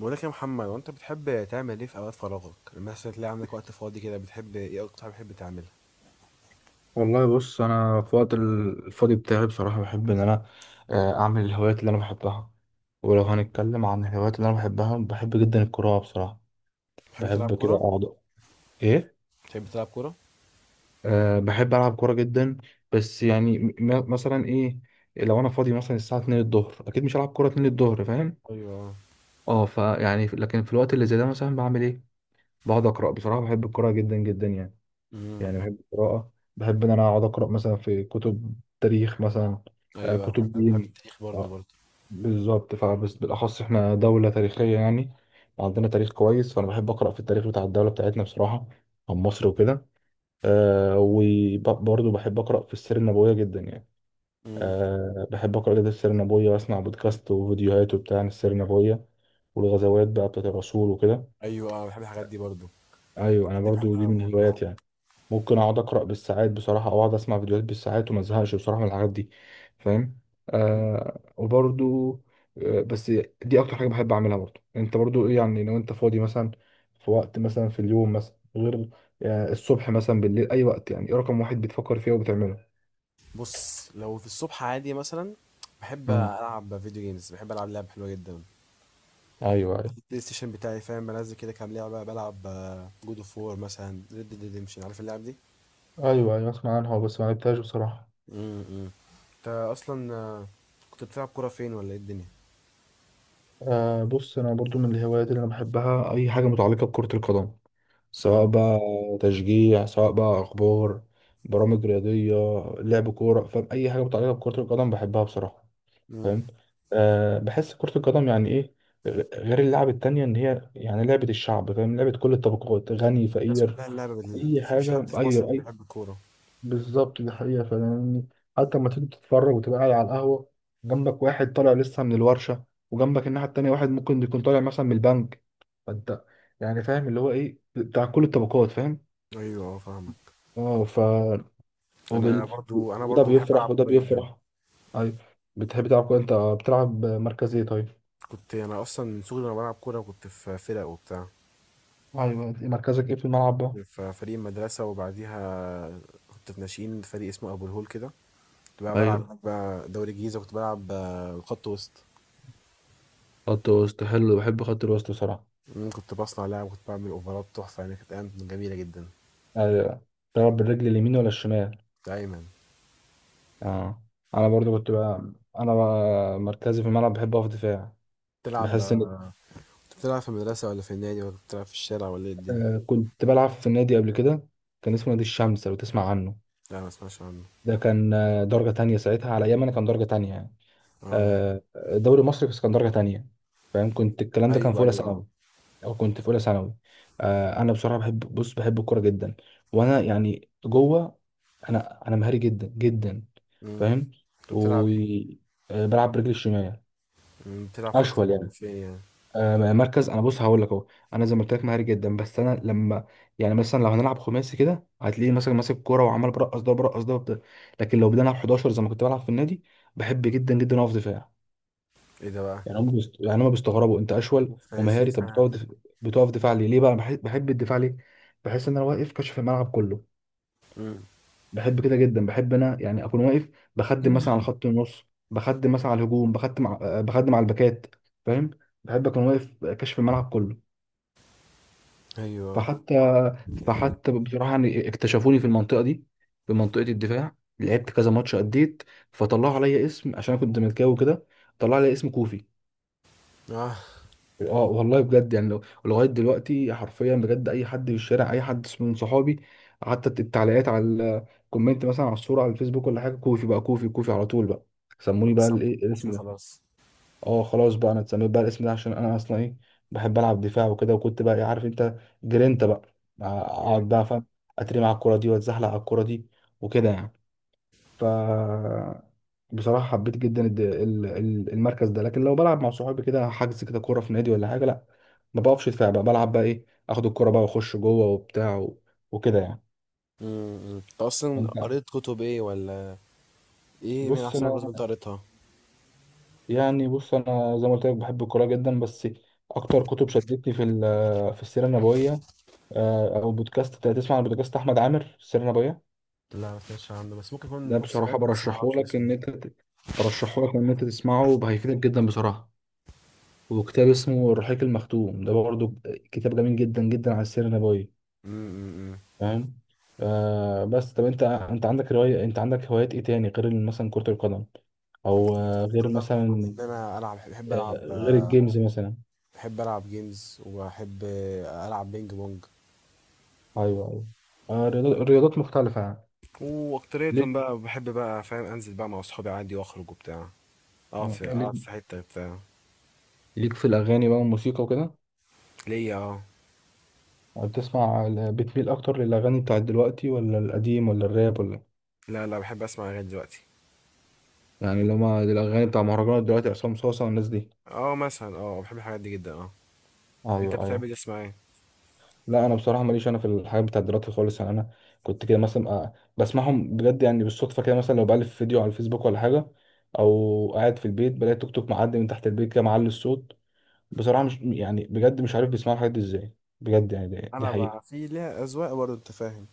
بقولك يا محمد، وانت بتحب تعمل ايه في اوقات فراغك؟ لما مثلا تلاقي عندك وقت فاضي كده بتحب ايه؟ اكتر حاجه بتحب تعملها؟ والله بص انا في وقت الفاضي بتاعي بصراحه بحب ان انا اعمل الهوايات اللي انا بحبها. ولو هنتكلم عن الهوايات اللي انا بحبها، بحب جدا القراءه بصراحه. بتحب تلعب بحب كده كوره؟ اقعد. ايه؟ بتحب تلعب كوره؟ أه بحب العب كوره جدا. بس يعني مثلا ايه، لو انا فاضي مثلا الساعه 2 الظهر، اكيد مش هلعب كوره 2 الظهر، فاهم؟ ايوه، اه لكن في الوقت اللي زي ده مثلا بعمل ايه؟ بقعد اقرا، بصراحه بحب القراءه جدا جدا يعني. امم، يعني بحب القراءة. بحب إن أنا أقعد أقرأ مثلا في كتب تاريخ مثلا، ايوه. بحب كتب أنا بحب دين. التاريخ برضو آه، برضو. بالظبط، فبس بالأخص إحنا دولة تاريخية يعني، عندنا تاريخ كويس. فأنا بحب أقرأ في التاريخ بتاع الدولة بتاعتنا بصراحة، عن مصر وكده. وبرضه بحب أقرأ في السيرة النبوية جدا يعني. امم، أه بحب أقرأ جدا السيرة النبوية، وأسمع بودكاست وفيديوهات وبتاع عن السيرة النبوية والغزوات بقى بتاعت الرسول وكده. ايوه، آه، بحب الحاجات دي برضو. أيوه أنا الحاجات دي برضه بحبها دي موت. من هواياتي يعني. ممكن اقعد اقرا بالساعات بصراحه، او اقعد اسمع فيديوهات بالساعات، وما ازهقش بصراحه من الحاجات دي. فاهم؟ مم. آه وبرضو آه بس دي اكتر حاجه بحب اعملها. برضو انت برضو ايه يعني، لو انت فاضي مثلا في وقت مثلا في اليوم مثلا، غير الصبح مثلا، بالليل، اي وقت يعني، ايه رقم واحد بتفكر فيه وبتعمله؟ بص، لو في الصبح عادي مثلا بحب مم. العب فيديو جيمز. بحب العب لعب حلوه جدا ايوه على ايوه. البلاي ستيشن بتاعي، فاهم؟ بنزل كده كام لعبه بلعب، جود اوف وور مثلا، ريد ديد ريدمشن، عارف اللعب دي؟ ايوه ايوه اسمع عنها بس ما لعبتهاش بصراحه. امم. انت اصلا كنت بتلعب كوره فين ولا ايه الدنيا؟ بص انا برضو من الهوايات اللي انا بحبها اي حاجه متعلقه بكره القدم، سواء اه، بقى تشجيع، سواء بقى اخبار، برامج رياضيه، لعب كوره. فاهم؟ اي حاجه متعلقه بكره القدم بحبها بصراحه. امم. فاهم؟ أه بحس كره القدم يعني ايه، غير اللعب التانية، ان هي يعني لعبه الشعب. فاهم؟ لعبه كل الطبقات، غني الناس فقير. كلها اللعبة اي مفيش حد حاجه، في اي مصر مش اي بيحب الكورة. بالظبط، دي حقيقه. فاهم؟ حتى لما تيجي تتفرج وتبقى قاعد على القهوه، جنبك واحد طالع لسه من الورشه، وجنبك الناحيه التانية واحد ممكن يكون طالع مثلا من البنك. فانت يعني، فاهم؟ اللي هو ايه بتاع كل الطبقات. فاهم؟ ايوه، اه، فاهمك. اه ف انا وبال... برضو انا وده برضو بحب العب بيفرح وده كورة جدا. بيفرح. ايوه بتحب تلعب كورة انت، بتلعب مركز ايه طيب؟ كنت انا اصلا من صغري وانا بلعب كورة، كنت في فرق وبتاع، ايوه مركزك ايه في الملعب بقى؟ في فريق المدرسة، وبعديها كنت في ناشئين فريق اسمه ابو الهول كده. كنت بقى بلعب ايوه هناك بقى دوري الجيزة، كنت بلعب خط وسط. خط وسط، حلو، بحب خط الوسط بصراحه. كنت بصنع لعب، كنت بعمل اوفرات تحفة، يعني كانت ايام جميلة جدا. ايوه تلعب بالرجل اليمين ولا الشمال؟ دايما. اه انا برضو كنت بقى، انا بقى مركزي في الملعب بحب اقف دفاع. تلعب بحس ان آه، كنت بتلعب في المدرسة ولا في النادي ولا كنت بتلعب في الشارع ولا ايه الدنيا؟ كنت بلعب في النادي قبل كده، كان اسمه نادي الشمس لو تسمع عنه. لا، ما اسمعش عنه. ده كان درجة تانية ساعتها، على ايام انا كان درجة تانية يعني، اه، الدوري المصري بس كان درجة تانية. فاهم؟ كنت الكلام ده كان في ايوه، أولى ايوه، اه. ثانوي، أو كنت في أولى ثانوي. أنا بصراحة بحب، بص بحب الكورة جدا، وأنا يعني جوه أنا مهاري جدا جدا. مم. فاهم؟ كنت بتلعب ايه؟ وبلعب برجلي الشمال. بتلعب خط أشول يعني. فين يعني؟ مركز، أنا بص هقول لك أهو، أنا زي ما قلت لك مهاري جدا. بس أنا لما يعني مثلا لو هنلعب خماسي كده هتلاقيني مثلا ماسك الكورة وعمال برقص ده وبرقص ده وبتاع. لكن لو بدنا نلعب 11 زي ما كنت بلعب في النادي بحب جدا جدا أقف دفاع. ايه ده بقى؟ يعني هم بيست... يعني هم بيستغربوا انت اشول فين ومهاري، طب فاهم. بتقف دف... بتقف دفاع ليه؟ ليه بقى بحب... بحب الدفاع ليه؟ بحس ان انا واقف كشف الملعب كله. امم، بحب كده جدا، بحب انا يعني اكون واقف، بخدم مثلا على خط النص، بخدم مثلا على الهجوم، بخدم ع- آه، بخدم على الباكات. فاهم؟ بحب اكون واقف كشف الملعب كله. ايوه، فحتى فحتى بصراحه يعني اكتشفوني في المنطقه دي، في منطقه الدفاع. لعبت كذا ماتش اديت، فطلعوا عليا اسم، عشان انا كنت ملكاوي كده، طلعوا عليا اسم كوفي. اه، اه والله بجد يعني، لو لغايه دلوقتي حرفيا بجد، اي حد في الشارع، اي حد من صحابي، حتى التعليقات على الكومنت مثلا على الصوره على الفيسبوك ولا حاجه، كوفي بقى، كوفي على طول بقى. سموني بقى خلاص. أنا الايه، متوفي الاسم ده. خلاص. اه خلاص بقى انا اتسميت بقى الاسم ده، عشان انا اصلا ايه، بحب العب دفاع وكده. وكنت بقى إيه عارف انت، جرينتا بقى، ايوه، اقعد بقى، فاهم؟ اترمي على الكوره دي، واتزحلق على الكوره دي، وكده يعني. ف بصراحة حبيت جدا المركز ده. لكن لو بلعب مع صحابي كده، حجز كده كورة في نادي ولا حاجة، لا ما بقفش دفاع بقى، بلعب بقى ايه، اخد الكورة بقى واخش جوه وبتاع وكده يعني. امم، أمم. انت اصلا انت، قريت كتب ايه؟ ولا ايه من بص احسن الكتب انا انت قريتها؟ يعني، بص انا زي ما قلت لك بحب الكورة جدا، بس اكتر كتب شدتني في في السيرة النبوية. او بودكاست، تسمع عن بودكاست احمد عامر السيرة النبوية؟ لا، ما سمعتش عنه، بس ممكن ده اكون بصراحة سمعته بس ما برشحه اعرفش لك اسمه. ان برشحه لك ان انت تسمعه، هيفيدك جدا بصراحة. وكتاب اسمه الرحيق المختوم، ده برضه كتاب جميل جدا جدا على السيرة النبوية. امم، أمم، أمم. فاهم؟ آه بس طب انت، انت عندك رواية، انت عندك هوايات ايه تاني غير مثلا كرة القدم، او غير قدر وان مثلا، انا العب، بحب العب غير الجيمز مثلا. بحب العب جيمز، وبحب العب بينج بونج. ايوه ايوه، رياضات، رياضات مختلفة يعني. واكترية ليك، بقى بحب بقى، فاهم؟ انزل بقى مع اصحابي عادي واخرج وبتاع، اقعد في ليك اقعد في حتة بتاع. ليك في الاغاني بقى والموسيقى وكده. ليا، اه. بتسمع بتميل اكتر للاغاني بتاعت دلوقتي ولا القديم ولا الراب ولا؟ لا لا، بحب اسمع اغاني دلوقتي. يعني لما الاغاني بتاع مهرجانات دلوقتي، عصام صاصا والناس دي. اه، مثلا، اه بحب الحاجات دي جدا، اه. انت ايوه بتحب ايوه. تسمع ايه؟ لا انا بصراحه ماليش انا في الحاجات بتاعت دلوقتي خالص يعني. انا كنت كده مثلا، بسمعهم بجد يعني بالصدفه كده، مثلا لو بألف فيديو على الفيسبوك ولا حاجه، او قاعد في البيت بلاقي توك توك معدي من تحت البيت كده معلي الصوت. بصراحه مش يعني بجد مش عارف بيسمعوا الحاجات دي ازاي. بجد يعني دي انا حقيقه. بقى في ليها اذواق برضه، انت فاهم؟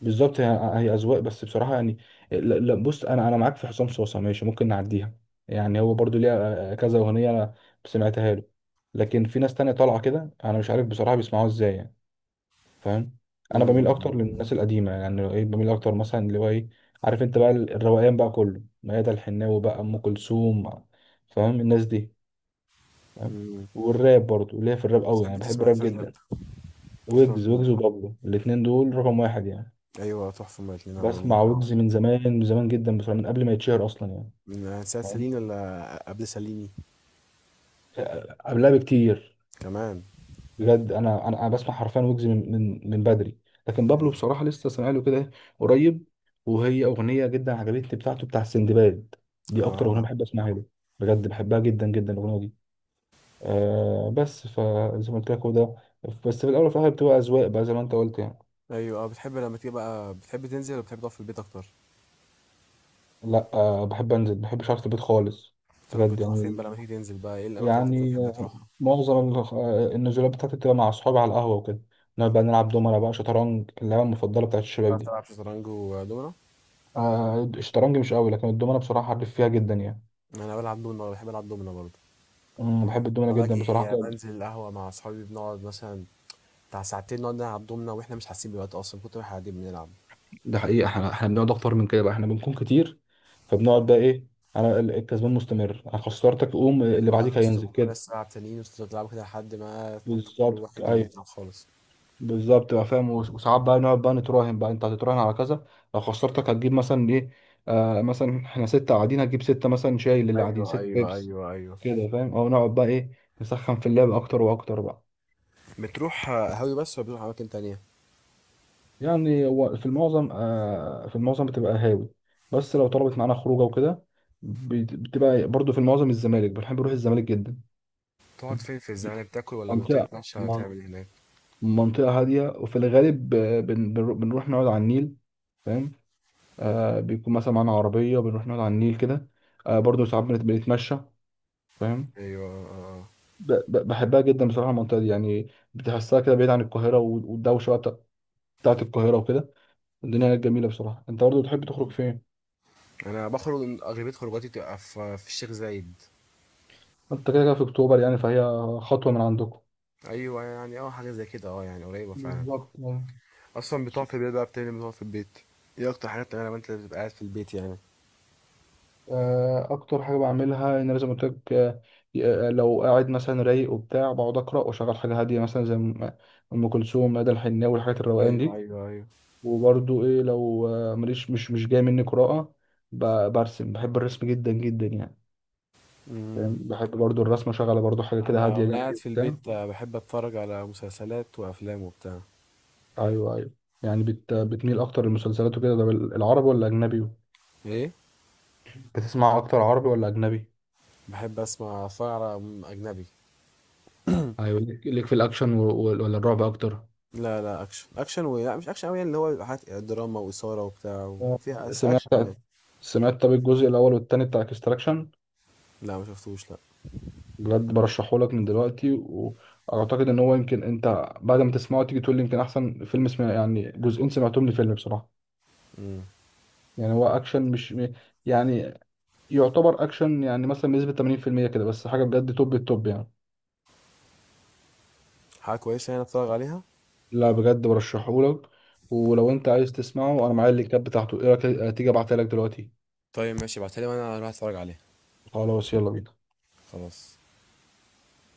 بالظبط، هي هي اذواق، بس بصراحه يعني، لا لا، بص انا معاك في حسام صوصه ماشي، ممكن نعديها. يعني هو برضو ليها كذا اغنيه انا سمعتها له. لكن في ناس تانية طالعه كده انا مش عارف بصراحه بيسمعوها ازاي يعني. فاهم؟ انا بميل أمم، اكتر للناس القديمه، يعني ايه بميل اكتر مثلا اللي هو ايه، عارف انت بقى الروقان بقى كله، ميادة الحناوي بقى، ام كلثوم. فاهم الناس دي؟ فاهم؟ أمم. والراب برضو ليا في الراب قوي بتحب يعني، بحب تسمع ايه في الراب الراب؟ جدا. تسمع ويجز مين؟ ويجز وبابلو الاتنين دول رقم واحد يعني. ايوه، تحفه هما الاتنين، عالمين بسمع طب. ويجز من زمان، من زمان جدا بصراحه، من قبل ما يتشهر اصلا يعني. من ساعة فاهم؟ ساليني ولا قبل ساليني قبلها بكتير. كمان؟ بجد انا بسمع حرفيا ويجز من من بدري. لكن بابلو أمم. بصراحه لسه سامع له كده قريب، وهي اغنيه جدا عجبتني بتاعته بتاع سندباد، دي اكتر اغنيه اه، بحب اسمعها له. بجد بحبها جدا جدا الاغنيه دي. آه بس فزي ما قلت لك هو ده، بس في الاول وفي الاخر بتبقى اذواق بقى زي ما انت قلت يعني. ايوه، اه. بتحب لما تيجي بقى بتحب تنزل ولا بتحب تقعد في البيت اكتر؟ لا بحب انزل، ما بحبش اقعد في البيت خالص. طب بجد بتروح فين يعني، بقى لما تيجي تنزل بقى؟ ايه الاماكن اللي انت يعني بتحب تروحها؟ معظم النزولات بتاعتي بتبقى مع اصحابي على القهوه وكده، نقعد بقى نلعب دومنة بقى، شطرنج، اللعبه المفضله بتاعت الشباب بتعرف دي. تلعب شطرنج ودومنا؟ الشطرنج مش قوي، لكن الدومنة بصراحة حريف فيها جدا يعني. انا بلعب دومنا، بحب العب دومنا برضه. أمم، بحب الدومنة لما جدا بصراحة. باجي بنزل القهوة مع أصحابي بنقعد مثلا بتاع ساعتين نقعد نلعب دومنا، وإحنا مش حاسين بالوقت أصلا كتر ما إحنا قاعدين بنلعب. ده حقيقة، احنا بنقعد اكتر من كده بقى، احنا بنكون كتير. فبنقعد بقى ايه، انا الكسبان مستمر، انا خسرتك قوم، يعني اللي بقى بعديك هينزل الصبح كده. ناس ساعة تانيين، وتفضلوا تلعبوا كده لحد ما كل بالظبط واحد ايوه. يبدأ خالص. بالظبط بقى فاهم، وساعات بقى نقعد بقى نتراهن بقى، انت هتتراهن على كذا، لو خسرتك هتجيب مثلا ايه. مثلا احنا ستة قاعدين هتجيب ستة، مثلا شايل اللي قاعدين أيوه، ست أيوه، بيبس أيوه، أيوه. كده. فاهم؟ او نقعد بقى ايه، نسخن في اللعب اكتر واكتر بقى. بتروح قهاوي بس ولا بتروح أماكن تانية؟ يعني هو في المعظم في المعظم بتبقى هاوي، بس لو طلبت معانا خروجه وكده بتبقى برضو في المعظم الزمالك. بنحب نروح الزمالك جدا. بتقعد فاهم؟ فين في الزمالك؟ بتاكل ولا منطقة، بتتمشى ولا من- بتعمل إيه هناك؟ منطقة هادية، وفي الغالب بنروح نقعد على النيل. فاهم؟ بيكون مثلا معانا عربية، بنروح نقعد على النيل كده. برضو ساعات بنتمشى. فاهم؟ أيوه، آه. بحبها جدا بصراحة المنطقة دي، يعني بتحسها كده بعيد عن القاهرة والدوشة بقى بتاعت القاهرة وكده. الدنيا جميلة بصراحة. انت برضو بتحب تخرج فين؟ أنا بخرج أغلبية خروجاتي تبقى في الشيخ زايد. انت كده كده في اكتوبر يعني، فهي خطوه من عندكم. أيوه، يعني أه حاجة زي كده، أه يعني قريبة فعلا. بالظبط أيوة. اصلا بتقعد في البيت بقى بتعمل ايه؟ بتقعد في البيت، ايه اكتر حاجه بتعملها لما انت بتبقى قاعد في البيت يعني؟ اكتر حاجه بعملها ان انا زي ما قلت لك، لو قاعد مثلا رايق وبتاع، بقعد اقرا واشغل حاجه هاديه مثلا زي ام أم كلثوم، مدى الحناوي، الحاجات الروقان ايوه، دي. ايوه، ايوه، وبرضو ايه، لو ماليش، مش جاي مني قراءه، برسم. بحب الرسم جدا جدا يعني. فاهم؟ امم. بحب برضو الرسم، اشغل برضو حاجه كده انا هاديه وانا جنبي قاعد في وبتاع. البيت بحب اتفرج على مسلسلات وافلام وبتاع. ايوه ايوه. يعني بتميل اكتر للمسلسلات وكده ده، العربي ولا اجنبي، ايه؟ بتسمع اكتر عربي ولا اجنبي؟ بحب اتفرج على اجنبي. ايوه ليك، ليك في الاكشن ولا الرعب اكتر؟ لا لا، اكشن، لا مش اكشن قوي، يعني اللي هو بيبقى حاجات دراما واثاره وبتاع آه، وفيها بس اكشن سمعت يعني. سمعت طب الجزء الاول والتاني بتاع اكستراكشن؟ لا ما شفتوش، لا. بجد برشحه لك من دلوقتي، واعتقد ان هو يمكن انت بعد ما تسمعه تيجي تقول لي يمكن احسن فيلم سمع يعني، جزئين سمعتهم لفيلم بصراحه. امم. يعني هو اكشن مش م- يعني، يعتبر اكشن يعني مثلا بنسبه 80% كده، بس حاجه بجد توب التوب يعني. حاجه كويسه يعني اتفرج عليها. لا بجد برشحه لك. ولو انت عايز تسمعه انا معايا اللينكات بتاعته، ايه رايك تيجي ابعتها لك دلوقتي؟ طيب ماشي، ابعتها لي وانا اروح اتفرج عليها. خلاص يلا بينا. خلاص.